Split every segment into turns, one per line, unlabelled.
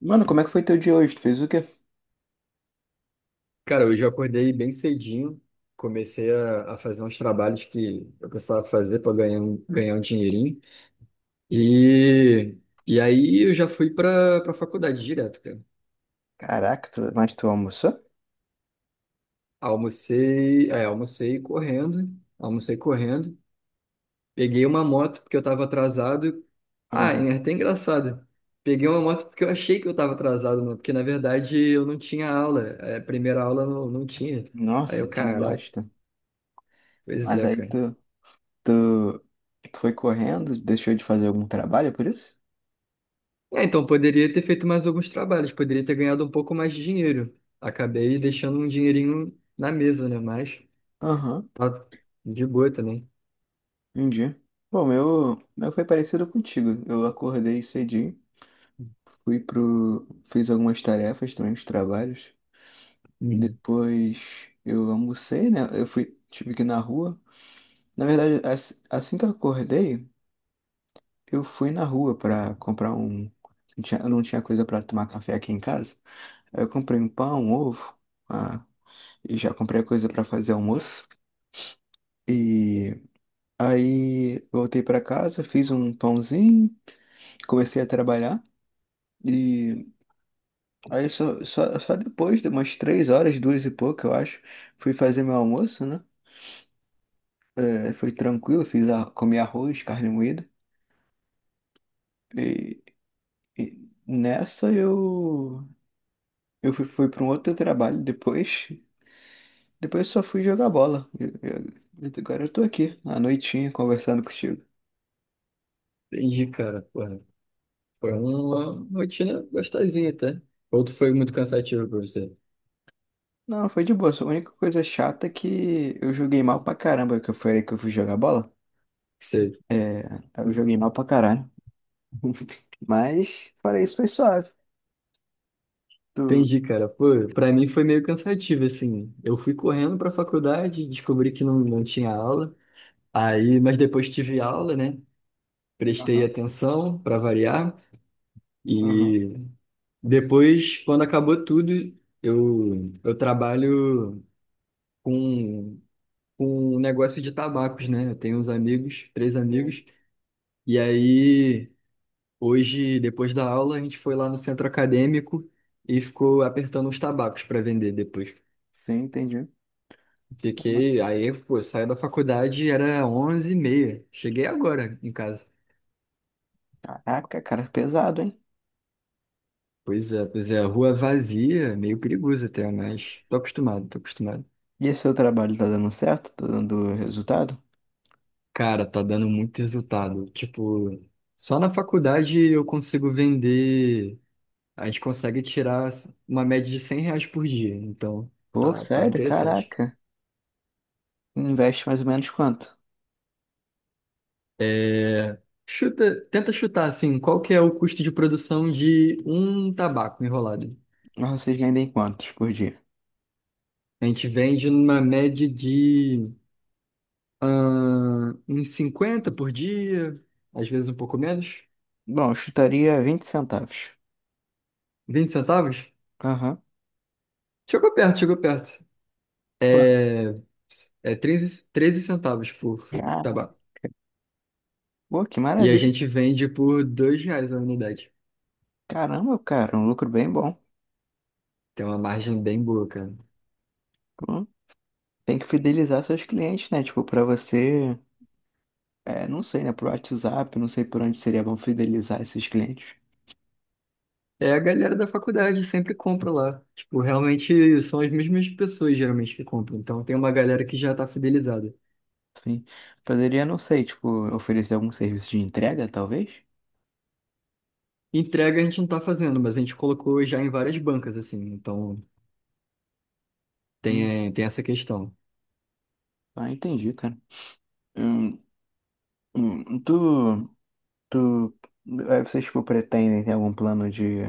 Mano, como é que foi teu dia hoje? Tu fez o quê?
Cara, hoje eu acordei bem cedinho, comecei a fazer uns trabalhos que eu precisava fazer para ganhar, ganhar um dinheirinho. E, e aí eu já fui para para faculdade direto, cara.
Caraca, mas tu almoçou?
Almocei, é, almocei correndo, almocei correndo. Peguei uma moto porque eu estava atrasado. Ah,
Ah,
é até engraçado. Peguei uma moto porque eu achei que eu estava atrasado, né? Porque na verdade eu não tinha aula. É, a primeira aula não tinha. Aí
nossa,
eu,
que
caraca,
bosta.
pois
Mas
é,
aí
cara.
tu foi correndo, deixou de fazer algum trabalho é por isso?
É, então poderia ter feito mais alguns trabalhos, poderia ter ganhado um pouco mais de dinheiro. Acabei deixando um dinheirinho na mesa, né? Mas
Aham,
tá de boa também.
entendi. Bom, meu foi parecido contigo. Eu acordei cedinho, fui pro, fiz algumas tarefas também, os trabalhos.
Uhum.
Depois eu almocei, né? Tive que ir na rua. Na verdade, assim que eu acordei, eu fui na rua pra comprar um. Eu não tinha coisa pra tomar café aqui em casa. Aí eu comprei um pão, um ovo, ah, e já comprei a coisa pra fazer almoço. E aí voltei pra casa, fiz um pãozinho, comecei a trabalhar. E aí só depois de umas 3 horas, duas e pouco, eu acho, fui fazer meu almoço, né? É, foi tranquilo, comi arroz, carne moída. E, e nessa eu fui para um outro trabalho depois. Depois eu só fui jogar bola. Agora eu tô aqui, à noitinha, conversando contigo.
Entendi, cara. Porra. Foi uma rotina gostosinha, tá? Ou tu foi muito cansativo pra você?
Não, foi de boa. Só a única coisa chata é que eu joguei mal pra caramba, que eu falei que eu fui jogar bola.
Sei.
É, eu joguei mal pra caralho. Mas, fora isso, foi suave. Tu...
Entendi, cara. Pô, pra mim foi meio cansativo, assim. Eu fui correndo pra faculdade, descobri que não tinha aula. Aí, mas depois tive aula, né? Prestei
Aham,
atenção pra variar.
aham.
E depois, quando acabou tudo, eu trabalho com, com um negócio de tabacos, né? Eu tenho uns amigos, três
Sim,
amigos, e aí hoje, depois da aula, a gente foi lá no centro acadêmico e ficou apertando os tabacos para vender depois.
sim, entendi.
Fiquei, aí, pô, eu saí da faculdade, era onze e meia. Cheguei agora em casa.
Caraca, cara, pesado, hein?
Pois é, rua vazia, meio perigoso até, mas tô acostumado, tô acostumado.
E esse seu trabalho tá dando certo? Tá dando resultado?
Cara, tá dando muito resultado. Tipo, só na faculdade eu consigo vender. A gente consegue tirar uma média de 100 reais por dia. Então,
Pô,
tá, tá
sério?
interessante.
Caraca. Investe mais ou menos quanto?
É, chuta, tenta chutar, assim, qual que é o custo de produção de um tabaco enrolado?
Mas vocês vendem quantos por dia?
A gente vende numa média de ah, uns 50 por dia, às vezes um pouco menos.
Bom, eu chutaria 20 centavos.
Vinte centavos?
Aham.
Chegou perto, chegou perto.
Claro.
É, é 13, 13 centavos por
Cara,
tabaco.
pô, que
E a
maravilha.
gente vende por dois reais a unidade.
Caramba, cara, um lucro bem bom.
Tem uma margem bem boa, cara.
Pô, tem que fidelizar seus clientes, né? Tipo, pra você, é, não sei, né? Pro WhatsApp, não sei por onde seria bom fidelizar esses clientes.
É, a galera da faculdade sempre compra lá. Tipo, realmente são as mesmas pessoas geralmente que compram. Então tem uma galera que já tá fidelizada.
Sim. Poderia, não sei, tipo, oferecer algum serviço de entrega, talvez?
Entrega a gente não tá fazendo, mas a gente colocou já em várias bancas, assim. Então
Hum,
tem, é, tem essa questão.
ah, entendi, cara. Hum, hum, tu, tu, vocês, tipo, pretendem ter algum plano de,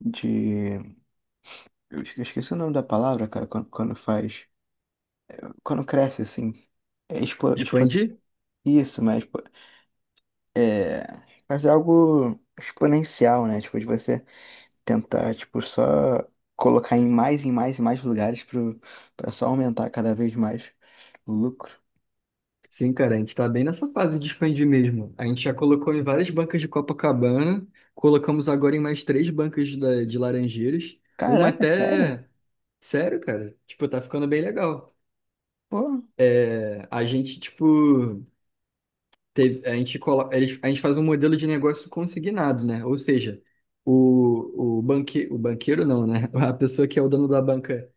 de, eu esqueci o nome da palavra, cara, quando faz, quando cresce, assim. É,
Expandir?
isso, mas é, é algo exponencial, né? Tipo, de você tentar, tipo, só colocar em mais e mais e mais lugares pra só aumentar cada vez mais o lucro.
Sim, cara, a gente tá bem nessa fase de expandir mesmo. A gente já colocou em várias bancas de Copacabana, colocamos agora em mais três bancas de Laranjeiras, uma
Caraca, sério?
até. Sério, cara, tipo, tá ficando bem legal.
Pô,
É, a gente, tipo, teve, a gente, a gente faz um modelo de negócio consignado, né? Ou seja, o banqueiro não, né? A pessoa que é o dono da banca.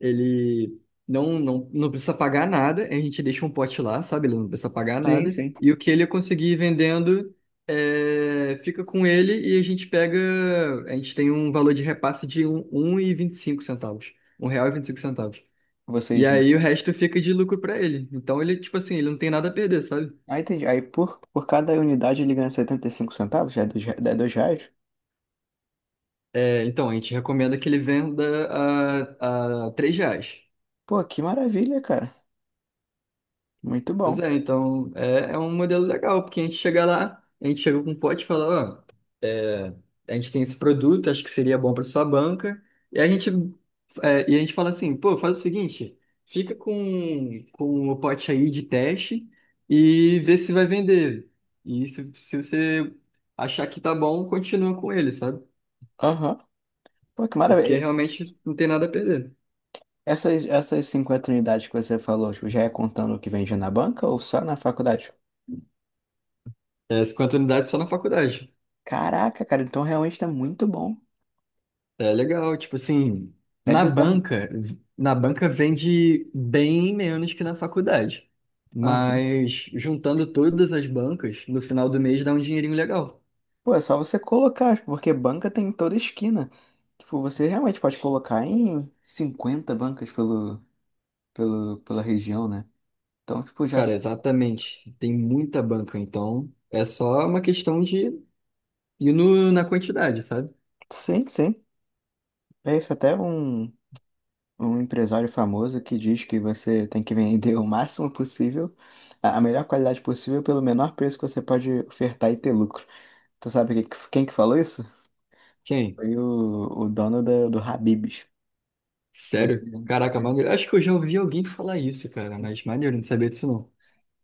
Ele não precisa pagar nada, a gente deixa um pote lá, sabe? Ele não precisa pagar
sim,
nada.
sim.
E o que ele conseguir vendendo é, fica com ele e a gente pega. A gente tem um valor de repasse de um e vinte e cinco centavos. Um real e 25 centavos. E
Vocês.
aí o resto fica de lucro para ele. Então ele, tipo assim, ele não tem nada a perder, sabe?
Ah, entendi. Aí por cada unidade ele ganha 75 centavos, já é R$ 2.
É, então a gente recomenda que ele venda a 3 reais.
Pô, que maravilha, cara. Muito
Pois
bom.
é, então é um modelo legal, porque a gente chega lá, a gente chega com um pote e fala, ó, é, a gente tem esse produto, acho que seria bom para sua banca, e a gente, é, e a gente fala assim, pô, faz o seguinte, fica com o pote aí de teste e vê se vai vender. E se você achar que tá bom, continua com ele, sabe?
Aham. Pô, que
Porque
maravilha.
realmente não tem nada a perder.
Essas 50 unidades que você falou, tipo, já é contando o que vende na banca ou só na faculdade?
É 50 unidades só na faculdade.
Caraca, cara, então realmente tá muito bom.
É legal, tipo assim,
É
na
bizarro.
banca, na banca vende bem menos que na faculdade.
Aham.
Mas juntando todas as bancas, no final do mês dá um dinheirinho legal.
Pô, é só você colocar, tipo, porque banca tem em toda esquina. Tipo, você realmente pode colocar em 50 bancas pela região, né? Então, tipo, já.
Cara, exatamente. Tem muita banca, então é só uma questão de ir na quantidade, sabe?
Sim, sim. É isso. Até um empresário famoso que diz que você tem que vender o máximo possível, a melhor qualidade possível, pelo menor preço que você pode ofertar e ter lucro. Tu sabe quem que falou isso?
Quem?
Foi o dono do Habib's.
Sério? Caraca,
Né?
mano, acho que eu já ouvi alguém falar isso, cara, mas maneiro, não sabia disso não.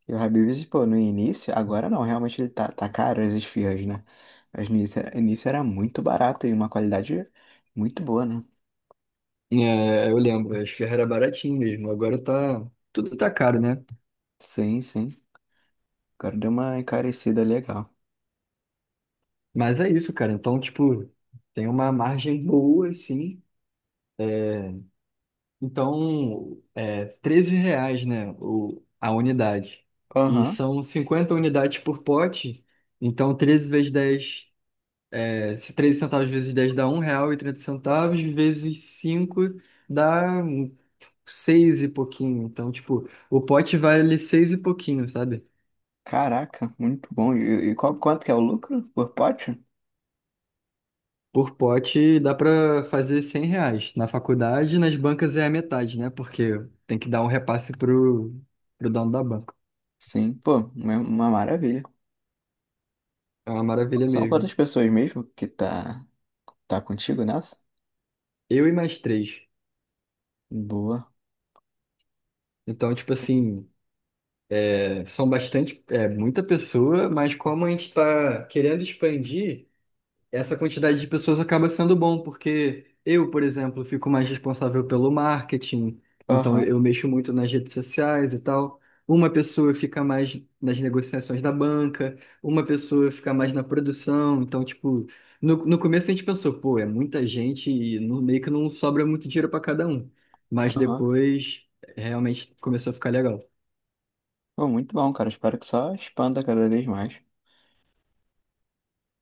Que o Habib's, pô, no início, agora não, realmente ele tá caro as esfirras, né? Mas no início, início era muito barato e uma qualidade muito boa, né?
É, eu lembro, as ferras era baratinho mesmo, agora tá, tudo tá caro, né?
Sim, sim. Agora deu uma encarecida legal.
Mas é isso, cara. Então, tipo, tem uma margem boa, assim. É, então, é 13 reais, né, a unidade. E
Aham.
são 50 unidades por pote. Então, 13 vezes 10 é, se 13 centavos vezes 10 dá um real e trinta centavos vezes 5 dá 6 e pouquinho. Então, tipo, o pote vale 6 e pouquinho, sabe?
Caraca, muito bom. E quanto que é o lucro por pote?
Por pote dá para fazer 100 reais. Na faculdade, nas bancas é a metade, né? Porque tem que dar um repasse pro, pro dono da banca.
Sim, pô, uma maravilha.
É uma maravilha
São
mesmo.
quantas pessoas mesmo que tá contigo nessa?
Eu e mais três.
Boa.
Então, tipo assim, é, são bastante, é muita pessoa, mas como a gente está querendo expandir. Essa quantidade de pessoas acaba sendo bom, porque eu, por exemplo, fico mais responsável pelo marketing, então
Aham,
eu mexo muito nas redes sociais e tal. Uma pessoa fica mais nas negociações da banca, uma pessoa fica mais na produção. Então, tipo, no começo a gente pensou, pô, é muita gente e no, meio que não sobra muito dinheiro para cada um. Mas
aham.
depois realmente começou a ficar legal.
Pô, muito bom, cara. Espero que só expanda cada vez mais.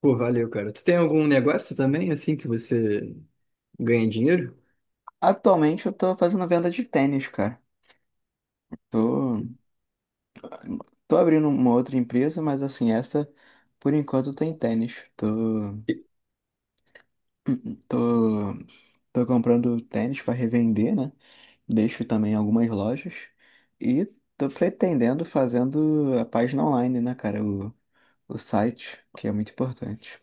Pô, valeu, cara. Tu tem algum negócio também, assim, que você ganha dinheiro?
Atualmente eu tô fazendo venda de tênis, cara. Tô, tô abrindo uma outra empresa, mas assim, essa por enquanto tem tênis. Tô, tô comprando tênis pra revender, né? Deixo também algumas lojas e tô pretendendo fazendo a página online, né, cara? O site, que é muito importante.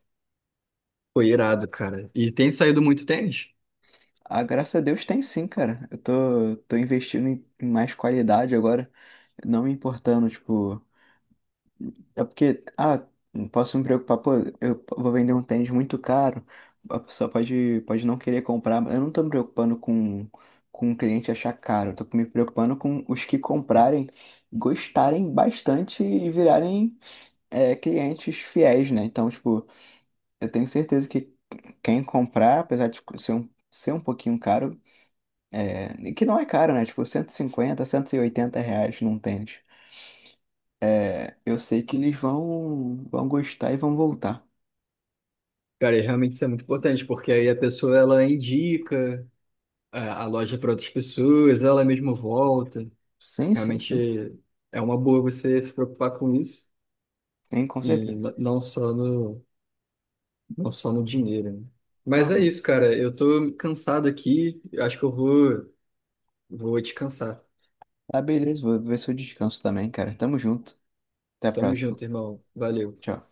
Foi irado, cara. E tem saído muito tênis.
Ah, graças a Deus tem sim, cara. Eu tô investindo em mais qualidade agora, não me importando, tipo. É porque, não posso me preocupar, pô, eu vou vender um tênis muito caro, a pessoa pode não querer comprar. Eu não tô me preocupando com o cliente achar caro, eu tô me preocupando com os que comprarem, gostarem bastante e virarem, clientes fiéis, né? Então, tipo, eu tenho certeza que quem comprar, apesar de ser um pouquinho caro, e que não é caro, né? Tipo, 150, R$ 180 num tênis. É, eu sei que eles vão gostar e vão voltar.
Cara, e realmente isso é muito importante, porque aí a pessoa ela indica a loja para outras pessoas, ela mesma volta.
Sim, sim,
Realmente
sim.
é uma boa você se preocupar com isso
Sim, com
e
certeza.
não só no, não só no dinheiro, né? Mas é
Aham.
isso, cara. Eu tô cansado aqui. Acho que eu vou, vou descansar.
Ah, beleza. Vou ver se eu descanso também, cara. Tamo junto. Até a
Tamo
próxima.
junto, irmão. Valeu.
Tchau.